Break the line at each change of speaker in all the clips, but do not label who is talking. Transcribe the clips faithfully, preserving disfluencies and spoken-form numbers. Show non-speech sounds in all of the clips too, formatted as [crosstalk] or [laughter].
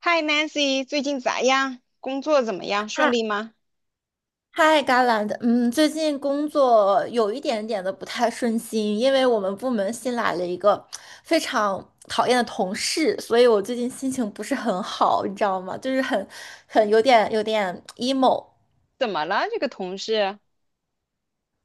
嗨，Nancy，最近咋样？工作怎么样？顺
嗨
利吗？
嗨，Garland，嗯，最近工作有一点点的不太顺心，因为我们部门新来了一个非常讨厌的同事，所以我最近心情不是很好，你知道吗？就是很很有点有点 emo。
怎么了？这个同事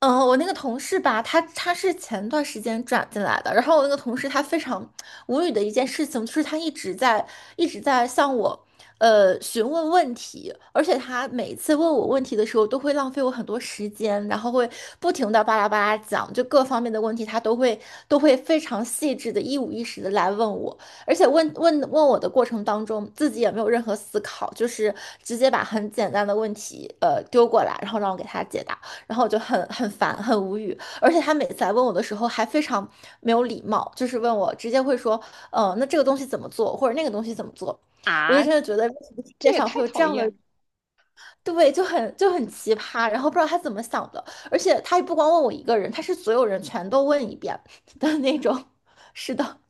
嗯，我那个同事吧，他他是前段时间转进来的，然后我那个同事他非常无语的一件事情，就是他一直在一直在向我呃询问问题，而且他每次问我问题的时候，都会浪费我很多时间，然后会不停的巴拉巴拉讲，就各方面的问题，他都会都会非常细致的一五一十的来问我，而且问问问我的过程当中，自己也没有任何思考，就是直接把很简单的问题呃丢过来，然后让我给他解答。然后我就很很烦，很无语，而且他每次来问我的时候还非常没有礼貌，就是问我直接会说，呃，那这个东西怎么做，或者那个东西怎么做，我就
啊，
真的觉得为什么世
这
界
也
上会
太
有这
讨
样的
厌
人。
了。
对，就很就很奇葩，然后不知道他怎么想的，而且他也不光问我一个人，他是所有人全都问一遍的那种，[laughs] 是的。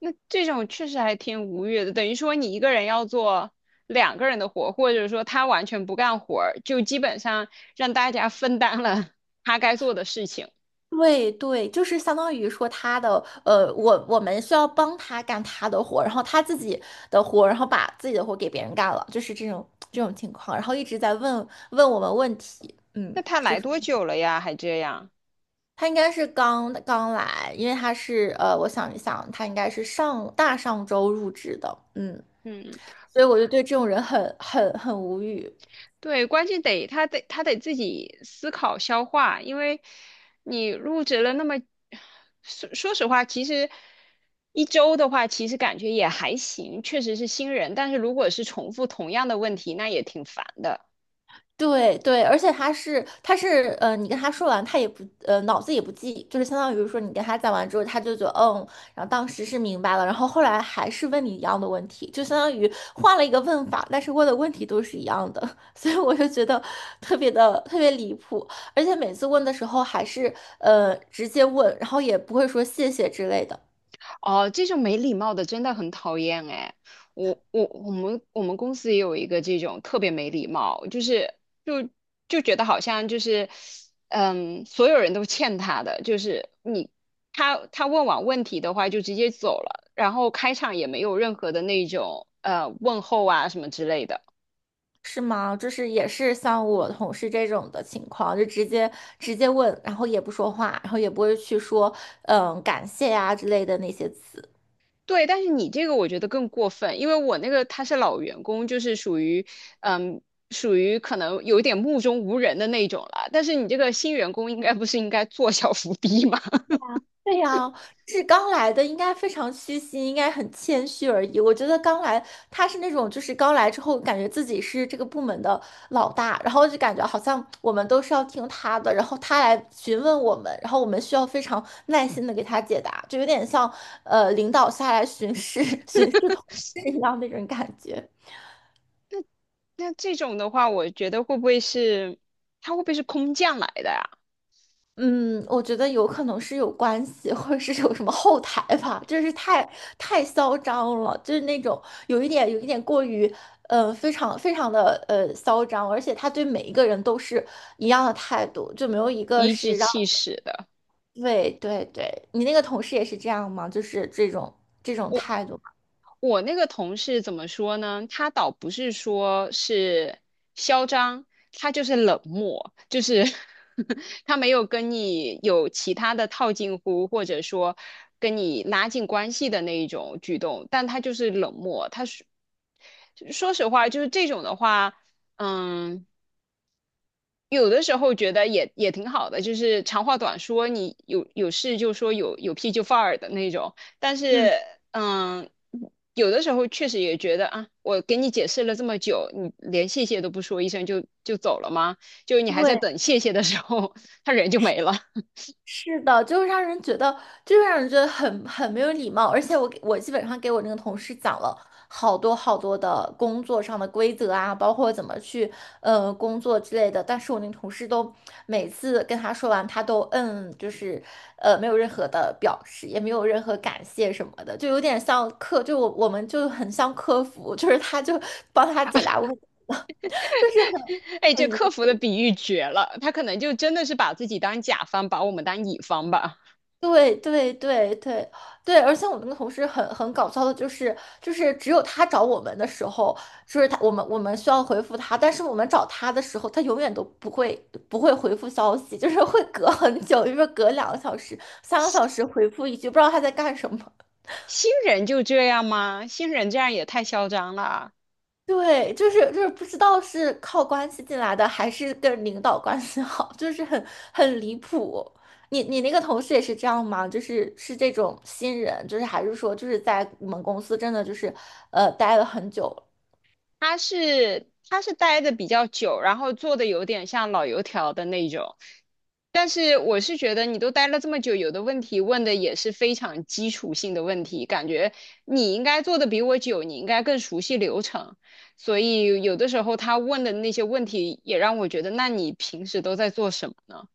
那这种确实还挺无语的，等于说你一个人要做两个人的活，或者说他完全不干活儿，就基本上让大家分担了 [laughs] 他该做的事情。
对对，就是相当于说他的呃，我我们需要帮他干他的活，然后他自己的活，然后把自己的活给别人干了，就是这种这种情况，然后一直在问问我们问题。嗯，
那他来多久了呀？还这样？
他应该是刚刚来，因为他是呃，我想一想，他应该是上大上周入职的。嗯，
嗯。
所以我就对这种人很很很无语。
对，关键得他得他得自己思考消化，因为你入职了那么，说说实话，其实一周的话，其实感觉也还行，确实是新人，但是如果是重复同样的问题，那也挺烦的。
对对，而且他是他是呃，你跟他说完，他也不呃脑子也不记，就是相当于说你跟他讲完之后，他就觉得嗯，然后当时是明白了，然后后来还是问你一样的问题，就相当于换了一个问法，但是问的问题都是一样的，[laughs] 所以我就觉得特别的特别离谱，而且每次问的时候还是呃直接问，然后也不会说谢谢之类的。
哦，这种没礼貌的真的很讨厌哎！我我我们我们公司也有一个这种特别没礼貌，就是就就觉得好像就是嗯，所有人都欠他的，就是你他他问完问题的话就直接走了，然后开场也没有任何的那种呃问候啊什么之类的。
是吗？就是也是像我同事这种的情况，就直接直接问，然后也不说话，然后也不会去说嗯感谢呀、之类的那些词。
对，但是你这个我觉得更过分，因为我那个他是老员工，就是属于，嗯，属于可能有一点目中无人的那种了。但是你这个新员工应该不是应该做小伏低吗？[laughs]
对呀，就是刚来的，应该非常虚心，应该很谦虚而已。我觉得刚来，他是那种就是刚来之后，感觉自己是这个部门的老大，然后就感觉好像我们都是要听他的，然后他来询问我们，然后我们需要非常耐心的给他解答，就有点像呃领导下来巡视 [laughs] 巡视同事一样那种感觉。
那这种的话，我觉得会不会是他会不会是空降来的呀、
嗯，我觉得有可能是有关系，或者是有什么后台吧，就是太太嚣张了，就是那种有一点有一点过于，呃，非常非常的呃嚣张，而且他对每一个人都是一样的态度，就没有一个
颐指
是让。
气使的。
对对对，你那个同事也是这样吗？就是这种这种态度吗？
我那个同事怎么说呢？他倒不是说是嚣张，他就是冷漠，就是 [laughs] 他没有跟你有其他的套近乎，或者说跟你拉近关系的那一种举动，但他就是冷漠。他是说实话，就是这种的话，嗯。有的时候觉得也也挺好的，就是长话短说，你有有事就说有有屁就放儿的那种。但是，
嗯，
嗯，有的时候确实也觉得啊，我给你解释了这么久，你连谢谢都不说一声就就走了吗？就你还在
对。
等谢谢的时候，[laughs] 他人就没了。
是的，就是让人觉得，就是让人觉得很很没有礼貌。而且我给我基本上给我那个同事讲了好多好多的工作上的规则啊，包括怎么去呃工作之类的。但是我那个同事都每次跟他说完，他都嗯，就是呃没有任何的表示，也没有任何感谢什么的，就有点像客，就我我们就很像客服，就是他就帮他解答问题，[laughs] 就是
[laughs] 哎，这
很
客
很。
服的比喻绝了，他可能就真的是把自己当甲方，把我们当乙方吧。
对对对对对，而且我们那个同事很很搞笑的，就是就是只有他找我们的时候，就是他我们我们需要回复他，但是我们找他的时候，他永远都不会不会回复消息，就是会隔很久，就是隔两个小时、三个小时回复一句，不知道他在干什么。
[laughs] 新人就这样吗？新人这样也太嚣张了。
对，就是就是不知道是靠关系进来的，还是跟领导关系好，[laughs] 就是很很离谱。你你那个同事也是这样吗？就是是这种新人，就是还是说就是在你们公司真的就是呃待了很久了。
他是他是待的比较久，然后做的有点像老油条的那种。但是我是觉得你都待了这么久，有的问题问的也是非常基础性的问题，感觉你应该做的比我久，你应该更熟悉流程。所以有的时候他问的那些问题也让我觉得，那你平时都在做什么呢？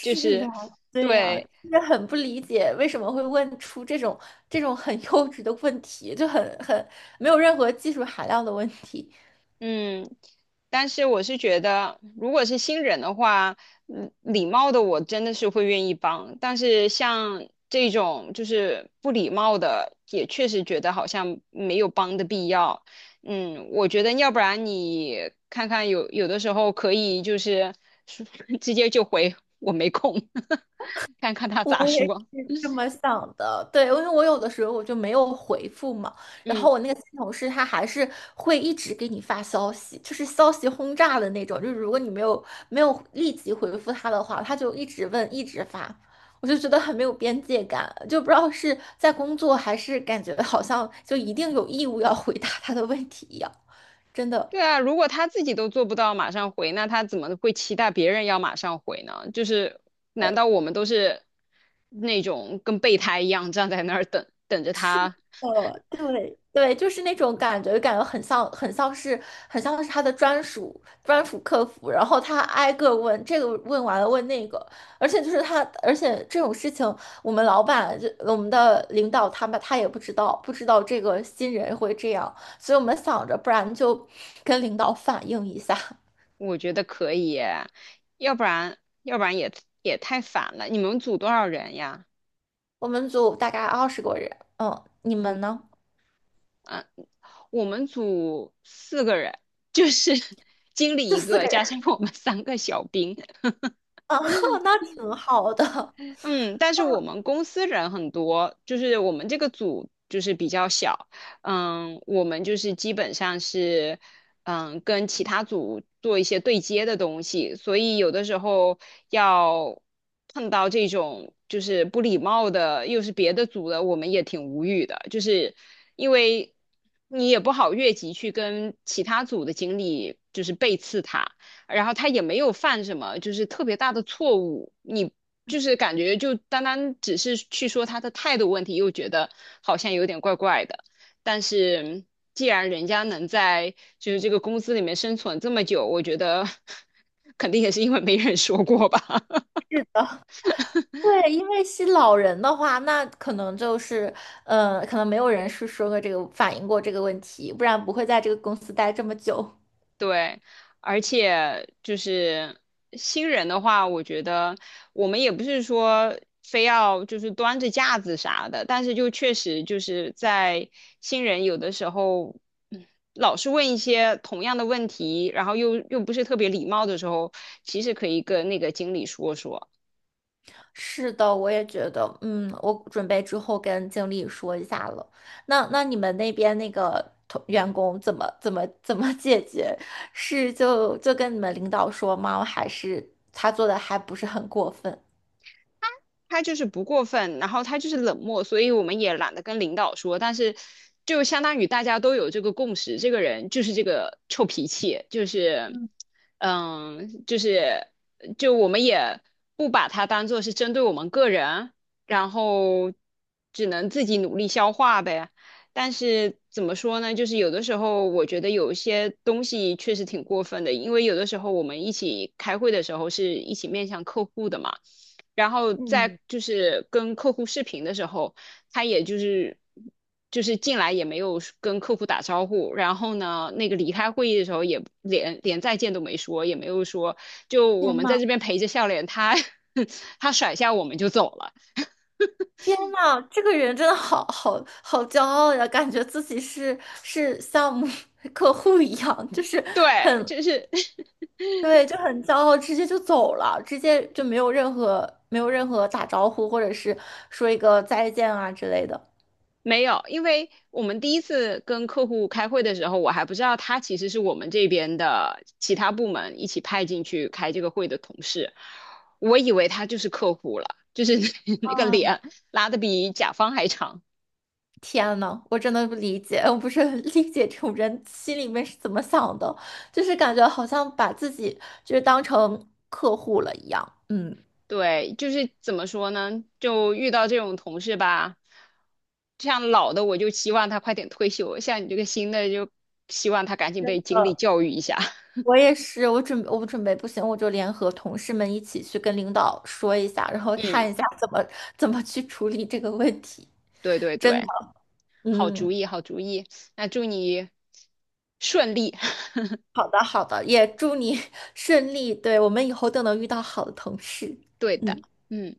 就是，
啊，对呀，
对，
就是很不理解为什么会问出这种这种很 [laughs] 幼稚的问题，就很很没有任何技术含量的问题。
嗯，但是我是觉得，如果是新人的话，嗯礼貌的我真的是会愿意帮，但是像这种就是不礼貌的，也确实觉得好像没有帮的必要。嗯，我觉得要不然你看看有有的时候可以就是 [laughs] 直接就回我没空，[laughs] 看看他
我
咋
也
说。
是这么想的，对，因为我有的时候我就没有回复嘛，然
嗯。
后我那个新同事他还是会一直给你发消息，就是消息轰炸的那种，就是如果你没有没有立即回复他的话，他就一直问，一直发，我就觉得很没有边界感，就不知道是在工作还是感觉好像就一定有义务要回答他的问题一样，真的。
对啊，如果他自己都做不到马上回，那他怎么会期待别人要马上回呢？就是，难道我们都是那种跟备胎一样站在那儿等等着
是
他？
的，对对，就是那种感觉，感觉很像，很像是，很像是他的专属专属客服，然后他挨个问这个，问完了问那个，而且就是他，而且这种事情，我们老板就我们的领导他们他也不知道，不知道这个新人会这样，所以我们想着，不然就跟领导反映一下。
我觉得可以耶，要不然要不然也也太烦了。你们组多少人呀？
我们组大概二十个人。嗯，你们呢？
嗯，我们组四个人，就是 [laughs] 经理
就
一
四
个，
个人，
加上我们三个小兵，
[laughs] 啊，那挺好的，
嗯，但是我们公司人很多，就是我们这个组就是比较小，嗯，我们就是基本上是，嗯，跟其他组做一些对接的东西，所以有的时候要碰到这种就是不礼貌的，又是别的组的，我们也挺无语的，就是因为你也不好越级去跟其他组的经理就是背刺他。然后他也没有犯什么就是特别大的错误，你就是感觉就单单只是去说他的态度问题，又觉得好像有点怪怪的。但是既然人家能在就是这个公司里面生存这么久，我觉得 [laughs] 肯定也是因为没人说过吧。
是的。对，因为吸老人的话，那可能就是，呃，可能没有人是说过这个反映过这个问题，不然不会在这个公司待这么久。
对，而且就是新人的话，我觉得我们也不是说非要就是端着架子啥的，但是就确实就是在新人有的时候，嗯老是问一些同样的问题，然后又又不是特别礼貌的时候，其实可以跟那个经理说说。
[laughs] 是的，我也觉得。嗯，我准备之后跟经理说一下了。那那你们那边那个同员工怎么怎么怎么解决？是就就跟你们领导说吗？还是他做的还不是很过分？
他就是不过分，然后他就是冷漠，所以我们也懒得跟领导说。但是，就相当于大家都有这个共识，这个人就是这个臭脾气，就是，嗯，就是就我们也不把他当做是针对我们个人，然后只能自己努力消化呗。但是怎么说呢？就是有的时候，我觉得有一些东西确实挺过分的，因为有的时候我们一起开会的时候是一起面向客户的嘛。然后在就是跟客户视频的时候，他也就是就是进来也没有跟客户打招呼，然后呢，那个离开会议的时候也连连再见都没说，也没有说就我
天
们在
呐！
这边陪着笑脸，他 [laughs] 他甩下我们就走了。
天呐，这个人真的好好好骄傲呀，感觉自己是是像 [laughs] 客户一样，就是
对，就是
对，就很骄傲，直接就走了，直接就没有任何没有任何打招呼，或者是说一个再见啊之类的。
没有，因为我们第一次跟客户开会的时候，我还不知道他其实是我们这边的其他部门一起派进去开这个会的同事，我以为他就是客户了，就是 [laughs] 那个
嗯，
脸拉的比甲方还长。
天呐，我真的不理解，我不是很 [laughs] 理解这种人心里面是怎么想的，就是感觉好像把自己就是当成客户了一样。嗯。
对，就是怎么说呢，就遇到这种同事吧，像老的我就希望他快点退休，像你这个新的就希望他赶紧
真
被经理
的。
教育一下。
我也是，我准我准备不行，我就联合同事们一起去跟领导说一下，然
[laughs]
后
嗯，
看一下怎么怎么去处理这个问题。
对对
真的。
对。好
嗯，
主意，好主意。那祝你顺利。[laughs]
好的好的，也祝你 [laughs] 顺利。对，我们以后都能遇到好的同事。
对的，
嗯。
嗯。